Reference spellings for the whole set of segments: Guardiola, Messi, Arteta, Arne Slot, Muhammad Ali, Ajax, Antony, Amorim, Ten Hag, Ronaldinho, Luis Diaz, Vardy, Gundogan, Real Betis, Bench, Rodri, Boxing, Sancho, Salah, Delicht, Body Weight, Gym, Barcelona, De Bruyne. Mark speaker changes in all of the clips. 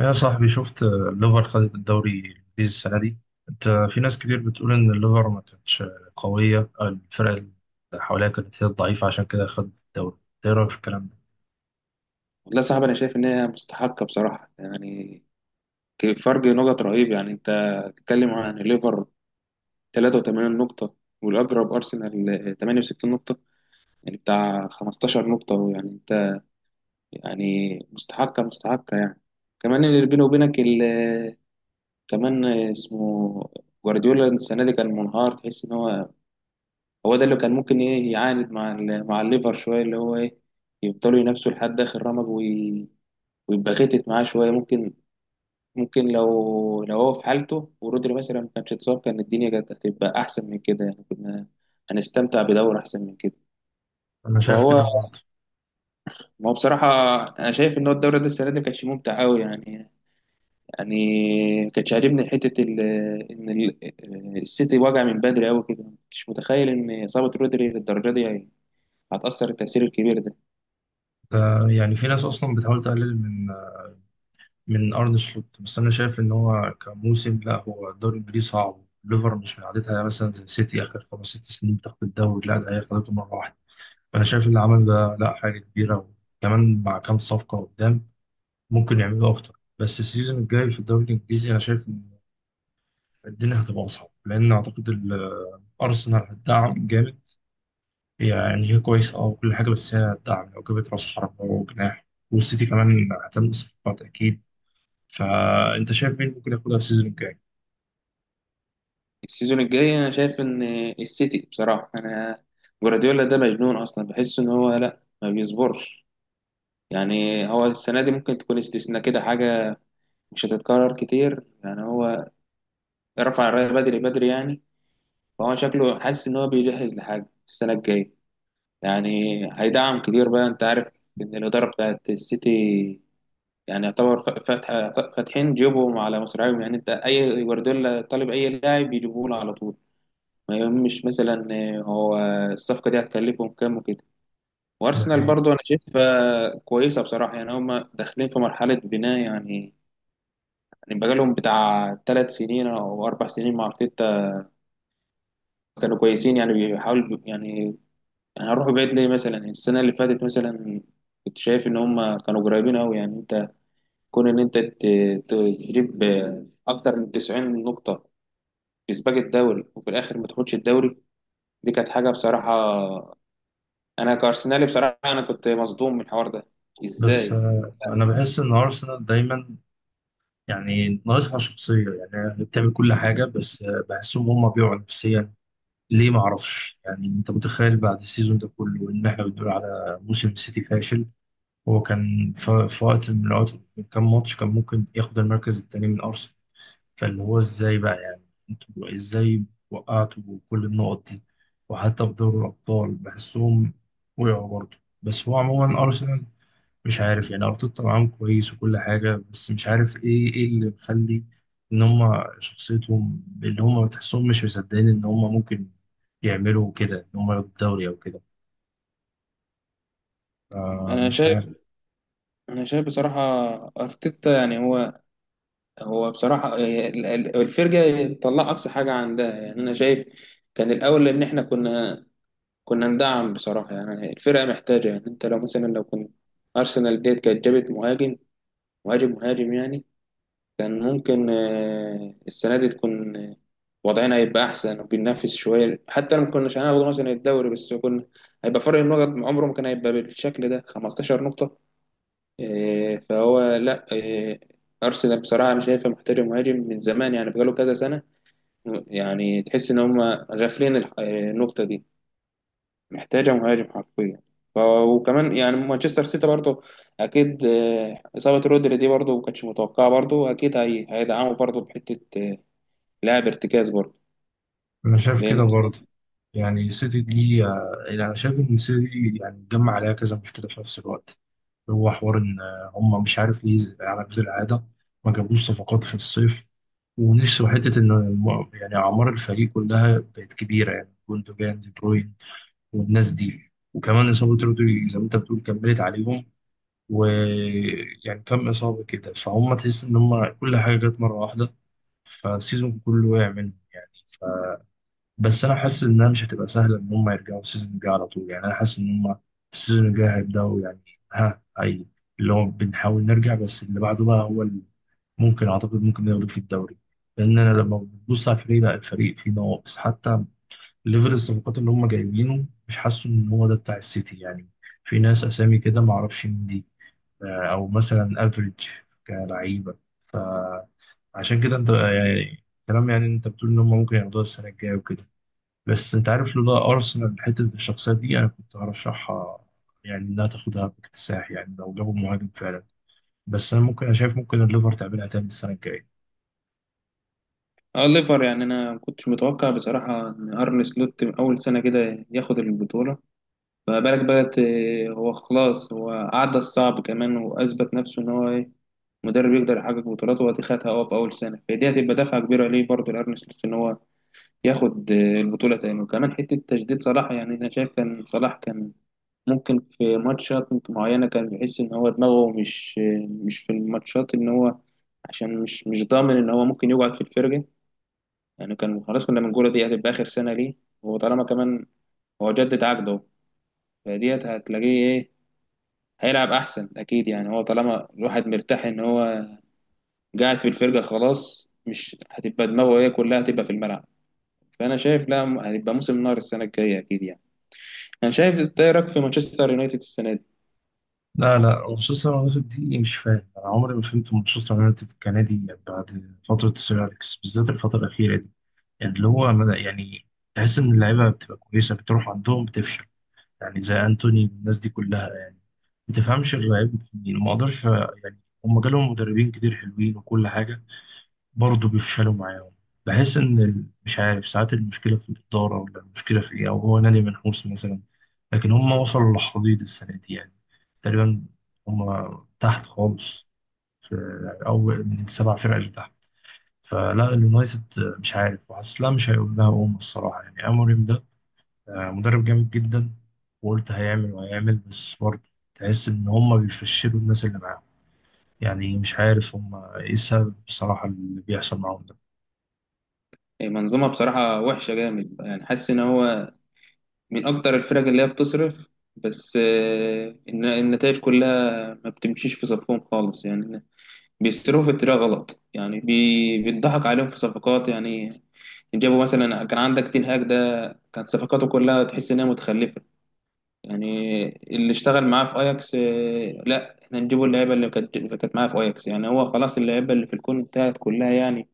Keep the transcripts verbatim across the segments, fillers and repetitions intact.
Speaker 1: يا صاحبي شفت آه، الليفر خدت الدوري الإنجليزي السنة دي. أنت في ناس كتير بتقول إن الليفر ما كانتش قوية أو الفرق اللي حواليها كانت هي الضعيفة، عشان كده خد الدوري. إيه رأيك في الكلام ده؟
Speaker 2: والله، صعب. انا شايف ان هي مستحقه بصراحه يعني ك- فرق نقط رهيب. يعني انت بتتكلم عن الليفر 83 نقطه، والاقرب ارسنال تمانية وستين نقطه، يعني بتاع 15 نقطه. ويعني انت يعني مستحقه مستحقه يعني. كمان اللي بيني وبينك ال- كمان اسمه جوارديولا السنه دي كان منهار. تحس ان هو هو ده اللي كان ممكن ايه يعاند مع ال- مع الليفر شويه، اللي هو ايه يفضلوا ينافسوا لحد اخر رمق وي- ويبقى غتت معاه شويه. ممكن ممكن لو لو هو في حالته ورودري مثلا ما كانش اتصاب، كان الدنيا كانت هتبقى احسن من كده، يعني كنا هنستمتع بدوري احسن من كده.
Speaker 1: أنا شايف
Speaker 2: فهو،
Speaker 1: كده برضه.
Speaker 2: ما هو بصراحه انا شايف ان هو الدوري ده السنه دي ما كانش ممتع قوي يعني يعني ما كانش عاجبني حته ال- ان ال- السيتي وجع من بدري قوي كده، ما كنتش متخيل ان اصابه رودري للدرجه دي هي- هتاثر التاثير الكبير ده.
Speaker 1: ده يعني في ناس أصلا بتحاول تقلل من آه، من أرن سلوت، بس أنا شايف إن هو كموسم، لا، هو الدوري الإنجليزي صعب، الليفر مش من عادتها، يعني مثلا زي سيتي آخر خمس ست سنين بتاخد الدوري، لا ده هي خدته مرة واحدة. فأنا شايف اللي عمل ده لا حاجة كبيرة، وكمان مع كام صفقة قدام ممكن يعملوا اكتر. بس السيزون الجاي في الدوري الانجليزي انا شايف ان الدنيا هتبقى اصعب، لان اعتقد ال- ارسنال هتدعم جامد، يعني هي كويسه اه وكل حاجه، بس هي هتدعم لو جابت راس حربه وجناح، والسيتي كمان هتعمل صفقات اكيد. فانت شايف مين ممكن ياخدها السيزون الجاي؟
Speaker 2: السيزون الجاي انا شايف ان السيتي بصراحه. انا جوارديولا ده مجنون اصلا، بحس ان هو لا ما بيصبرش. يعني هو السنة دي ممكن تكون استثناء كده، حاجة مش هتتكرر كتير. يعني هو رفع الراية بدري بدري يعني. فهو شكله حاسس إن هو بيجهز لحاجة السنة الجاية، يعني هيدعم كتير بقى. أنت عارف إن الإدارة بتاعت السيتي يعني يعتبر ف- فاتحة فاتحين جيبهم على مصراعيهم. يعني أنت أي جوارديولا طالب أي لاعب يجيبوه له على طول، ما يهمش مثلا هو الصفقة دي هتكلفهم كام وكده.
Speaker 1: ده
Speaker 2: وأرسنال
Speaker 1: حقيقي.
Speaker 2: برضه أنا شايفها كويسة بصراحة. يعني هما داخلين في مرحلة بناء يعني. يعني بقالهم بتاع ثلاث سنين او اربع سنين مع ارتيتا، كانوا كويسين. يعني بيحاولوا يعني يعني هروح بعيد ليه؟ مثلا يعني السنه اللي فاتت مثلا كنت شايف ان هم كانوا قريبين قوي. يعني انت، كون ان انت ت- ت- تجيب اكتر من تسعين نقطه في سباق الدوري وفي الاخر ما تاخدش الدوري، دي كانت حاجه بصراحه. انا كارسنالي بصراحه، انا كنت مصدوم من الحوار ده،
Speaker 1: بس
Speaker 2: ازاي؟
Speaker 1: آه، انا بحس ان ارسنال دايما يعني ناقصها شخصيه، يعني هي بتعمل كل حاجه بس آه، بحسهم هم بيقعوا نفسيا. ليه؟ ما اعرفش. يعني انت متخيل بعد السيزون ده كله ان احنا بنقول على موسم سيتي فاشل؟ هو كان ف- في وقت من الوقت من كام ماتش كان ممكن ياخد المركز الثاني من ارسنال. فاللي هو ازاي بقى يعني؟ انتوا ازاي وقعتوا كل النقط دي؟ وحتى في دوري الابطال بحسهم وقعوا برضه. بس هو عموما ارسنال مش عارف، يعني ارتيتا معاهم كويس وكل حاجه، بس مش عارف ايه ايه اللي مخلي ان هم شخصيتهم اللي هم تحسهم مش مصدقين ان هم ممكن يعملوا كده، ان هم ياخدوا الدوري او كده. آه
Speaker 2: انا
Speaker 1: مش
Speaker 2: شايف
Speaker 1: عارف.
Speaker 2: انا شايف بصراحه ارتيتا يعني هو. هو بصراحة، آه، ال- ال- الفرجة طلع أقصى حاجة عندها. يعني أنا شايف كان الأول إن إحنا كنا كنا ندعم بصراحة. يعني الفرقة محتاجة. يعني أنت لو مثلا لو كنت أرسنال ديت كانت جابت مهاجم، مهاجم مهاجم يعني. كان ممكن آه، السنة دي تكون، آه، وضعنا هيبقى أحسن وبننافس شوية، حتى لو ما كناش هناخد مثلا الدوري، بس كنا هيبقى فرق النقط عمره ما كان هيبقى بالشكل ده 15 نقطة. إيه، فهو لا. إيه، ارسنال بصراحه انا شايفه محتاجه مهاجم من زمان يعني بقاله كذا سنه. يعني تحس ان هم غافلين الح- إيه، النقطه دي، محتاجه مهاجم حرفيا. ف- وكمان يعني مانشستر سيتي برضه اكيد، إيه، اصابه رودري دي برضه ما كانتش متوقعه. برضه اكيد هي هيدعموا برضه بحته، إيه، لاعب ارتكاز برضه،
Speaker 1: انا شايف
Speaker 2: لان.
Speaker 1: كده برضه. يعني السيتي دي آه، انا شايف ان السيتي يعني اتجمع عليها كذا مشكله في نفس الوقت. هو حوار ان آه، هم مش عارف ليه، زي- على غير العاده ما جابوش صفقات في الصيف، ونفسه حته ان الم- يعني اعمار الفريق كلها بقت كبيره، يعني جوندوجان دي بروين والناس دي، وكمان إصابة رودري زي ما أنت بتقول كملت عليهم، ويعني كم إصابة كده، فهم تحس إن هم كل حاجة جت مرة واحدة، فالسيزون كله وقع منهم يعني. ف... بس أنا حاسس إنها مش هتبقى سهلة إن هم يرجعوا السيزون الجاي على طول، يعني أنا حاسس إن هم السيزون الجاي هيبدأوا يعني ها أي اللي هو بنحاول نرجع، بس اللي بعده بقى هو اللي ممكن أعتقد ممكن ياخدوا في الدوري. لأن أنا لما ببص على الفريق، لا، الفريق فيه نواقص، حتى ليفل الصفقات اللي هم جايبينه مش حاسه ان هو ده بتاع السيتي يعني. في ناس اسامي كده ما اعرفش مين دي، آه، او مثلا افريج كلعيبه. عشان كده انت آه، يعني كلام، يعني انت بتقول ان هم ممكن ياخدوها السنه الجايه وكده، بس انت عارف لولا ارسنال حته الشخصيه دي انا كنت هرشحها، يعني انها تاخدها باكتساح، يعني لو جابوا مهاجم فعلا. بس انا ممكن، انا شايف ممكن الليفر تعملها تاني السنه الجايه.
Speaker 2: اه، ليفر يعني انا ما كنتش متوقع بصراحه ان ارن سلوت اول سنه كده ياخد البطوله، ما بالك بقى. ت- هو خلاص، هو عدى الصعب كمان وأثبت نفسه إن هو إيه مدرب يقدر يحقق بطولاته. وأدي خدها هو في أول سنة، فدي هتبقى دفعة كبيرة ليه برضه لأرن سلوت إن هو ياخد آه، البطولة تاني. وكمان حتة تجديد صلاح. يعني أنا شايف كان صلاح كان ممكن في ماتشات معينة كان بيحس إن هو دماغه مش آه، مش في الماتشات، إن هو عشان مش مش ضامن إن هو ممكن يقعد في الفرقة. يعني كان خلاص كنا بنقول دي هتبقى آخر سنة ليه. وطالما كمان هو جدد عقده، فديت هتلاقيه إيه هيلعب احسن اكيد. يعني هو طالما الواحد مرتاح ان هو قاعد في الفرقه خلاص، مش هتبقى دماغه، هي كلها هتبقى في الملعب. فانا شايف لا، م- هتبقى موسم نار السنه الجايه اكيد يعني. انا شايف. إنت إيه رايك في مانشستر يونايتد السنه دي؟
Speaker 1: لا لا، مانشستر يونايتد دي إيه، مش فاهم، انا عمري ما فهمت مانشستر يونايتد كنادي بعد فتره سير اليكس، بالذات الفتره الاخيره دي. يعني اللي هو مد- يعني تحس ان اللعيبه بتبقى كويسه بتروح عندهم بتفشل، يعني زي انتوني والناس دي كلها يعني. ما تفهمش اللعيب في مين، ما اقدرش، يعني هم جالهم مدربين كتير حلوين وكل حاجه، برضه بيفشلوا معاهم. بحس ان ال- مش عارف، ساعات المشكله في الاداره، ولا المشكله في ايه، او هو نادي منحوس مثلا. لكن هم وصلوا لحضيض السنه دي يعني، تقريبا هم تحت خالص، في او من السبع فرق اللي تحت. فلا، اليونايتد مش عارف، وحاسس لا مش هيقول لها قوم الصراحه، يعني اموريم ده آه، مدرب جامد جدا، وقلت هيعمل وهيعمل، بس برضه تحس ان هم بيفشلوا الناس اللي معاهم. يعني مش عارف هم ايه السبب بصراحه اللي بيحصل معاهم ده.
Speaker 2: إيه، منظومه بصراحه وحشه جامد. يعني حاسس ان هو من اكتر الفرق اللي هي بتصرف، بس آه، الن- النتائج كلها ما بتمشيش في صفهم خالص يعني. بيصرفوا في الطريقة غلط، يعني بي... بيضحك عليهم في صفقات يعني. جابوا مثلا، كان عندك تين هاج ده، كانت صفقاته كلها تحس انها متخلفة يعني. اللي اشتغل معاه في اياكس، آه، لا احنا نجيبوا اللعيبة اللي كانت اللي كانت معاه في اياكس يعني. هو خلاص اللعيبة اللي في الكون انتهت كلها يعني.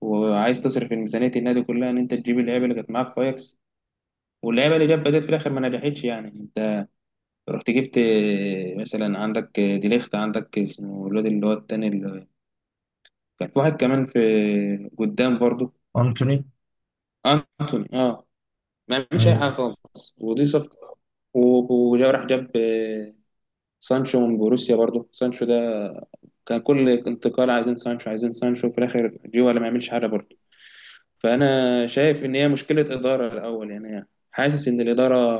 Speaker 2: وعايز تصرف ميزانية النادي كلها ان انت تجيب اللعيبة اللي كانت معاك في اياكس، واللعيبة اللي جاب بدات في الاخر ما نجحتش. يعني انت رحت جبت، آه، مثلا عندك، آه، ديليخت، عندك اسمه الواد اللي هو التاني، كان في واحد كمان في قدام برضو،
Speaker 1: انتوني.
Speaker 2: انتوني، اه، ما عملش اي
Speaker 1: ايوه.
Speaker 2: حاجه خالص، ودي صفقه. و- وجا راح جاب آه، سانشو من بوروسيا. برضو سانشو ده كان كل انتقال عايزين سانشو عايزين سانشو، في الاخر جه ولا ما عملش حاجه برضو. فانا شايف ان هي مشكله اداره الاول، يعني حاسس ان الاداره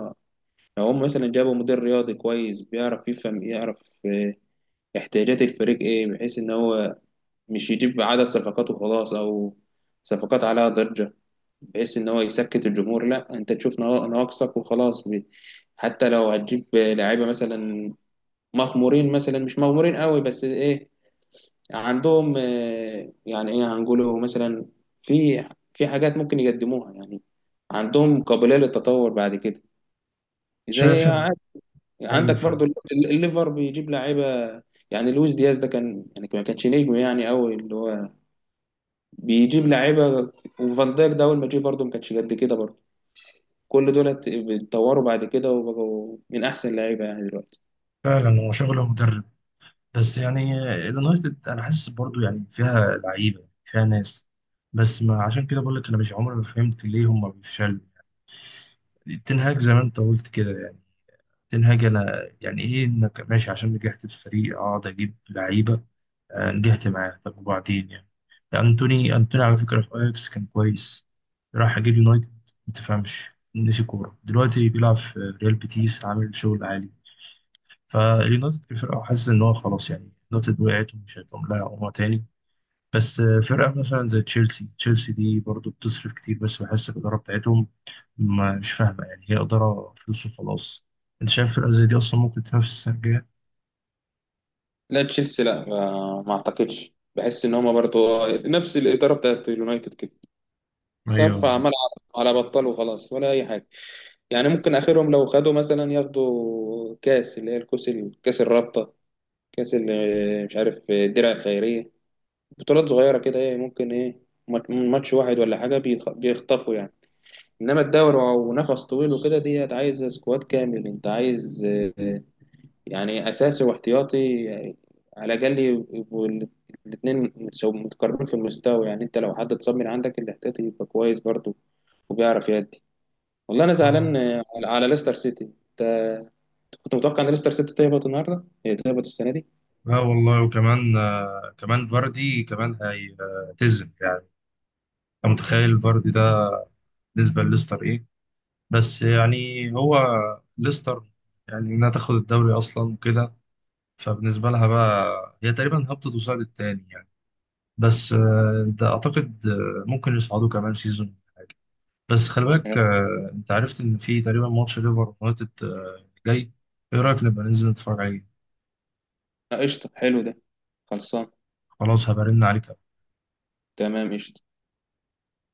Speaker 2: لو هم مثلا جابوا مدير رياضي كويس بيعرف يفهم يعرف آه، احتياجات الفريق ايه، بحيث ان هو مش يجيب عدد صفقات وخلاص، او صفقات عليها ضجه بحيث ان هو يسكت الجمهور. لا، انت تشوف نوا- نواقصك وخلاص. ب- حتى لو هتجيب لعيبه مثلا مغمورين، مثلا مش مغمورين قوي بس ايه، عندهم، آه، يعني ايه هنقوله؟ مثلا في في حاجات ممكن يقدموها يعني، عندهم قابليه للتطور بعد كده، زي
Speaker 1: شايف ان.
Speaker 2: عادي.
Speaker 1: ايوه
Speaker 2: عندك
Speaker 1: فعلا.
Speaker 2: برضو ال- ال- الليفر بيجيب لعيبه. يعني لويس دياز ده كان، يعني ما كانش نجم يعني قوي، اللي هو بيجيب لعيبه. وفان دايك ده اول ما جه برضه ما كانش قد كده برضه، كل دولت اتطوروا بعد كده وبقوا من احسن لعيبه يعني دلوقتي.
Speaker 1: فعلا هو شغله مدرب. بس يعني اليونايتد انا حاسس برضو يعني فيها لعيبه فيها ناس، بس ما عشان كده بقول لك، انا مش عمري ما فهمت ليه هم بيفشلوا. تنهاج زي ما انت قلت كده يعني، تنهاج انا يعني ايه انك ماشي عشان نجحت الفريق اقعد اجيب لعيبه؟ آه، نجحت معاه، طب وبعدين؟ يعني انتوني، انتوني على فكره في اياكس كان كويس، راح اجيب يونايتد ما تفهمش، نسي كوره، دلوقتي بيلعب في ريال بيتيس عامل شغل عالي. فاليونايتد كفرقة حاسس إن هو خلاص، يعني يونايتد وقعت ومش هيقوم لها عمرها تاني. بس آه، فرقة مثلا زي تشيلسي، تشيلسي دي برضو بتصرف كتير، بس بحس الإدارة بتاعتهم ما- مش فاهمة، يعني هي إدارة فلوس وخلاص. أنت شايف فرقة زي دي أصلا ممكن تنافس السنة الجاية؟
Speaker 2: لا، تشيلسي لا، ما ما اعتقدش. بحس ان هما برضو نفس الاداره بتاعت اليونايتد كده، صرف
Speaker 1: أيوه.
Speaker 2: عمال على على بطال وخلاص ولا اي حاجه. يعني ممكن اخرهم لو خدوا مثلا، ياخدوا كاس اللي هي الكاس، كاس الرابطه، كاس ال- مش عارف الدرع الخيريه، بطولات صغيره كده، ايه ممكن، ايه مات- ماتش واحد ولا حاجه بيخ- بيخطفوا يعني. انما الدوري ونفس طويل وكده، ديت عايز سكواد كامل. انت عايز، آه، يعني اساسي واحتياطي، يعني على الاقل يبقوا الاثنين متقاربين في المستوى. يعني انت لو حد اتصاب من عندك الاحتياطي يبقى كويس برضه، وبيعرف يأدي. والله انا
Speaker 1: آه.
Speaker 2: زعلان، آه، على على ليستر سيتي. انت كنت متوقع ان ليستر سيتي تهبط النهارده؟ هي تهبط السنه دي.
Speaker 1: لا والله، وكمان آه، كمان فاردي كمان هيعتزل يعني، أنت متخيل فاردي ده بالنسبة لليستر إيه؟ بس يعني هو ليستر يعني إنها تاخد الدوري أصلا وكده، فبالنسبة لها بقى هي تقريبا هبطت وصعدت تاني يعني. بس آه، ده أعتقد آه، ممكن يصعدوا كمان سيزون حاجة. بس خلي بالك،
Speaker 2: آه،
Speaker 1: آه، أنت عرفت إن في تقريبا ماتش ليفر ويونايتد آه، جاي. إيه رأيك نبقى ننزل نتفرج عليه؟
Speaker 2: قشطه، حلو ده. خلصان.
Speaker 1: خلاص هبرن عليك.
Speaker 2: تمام، قشطه.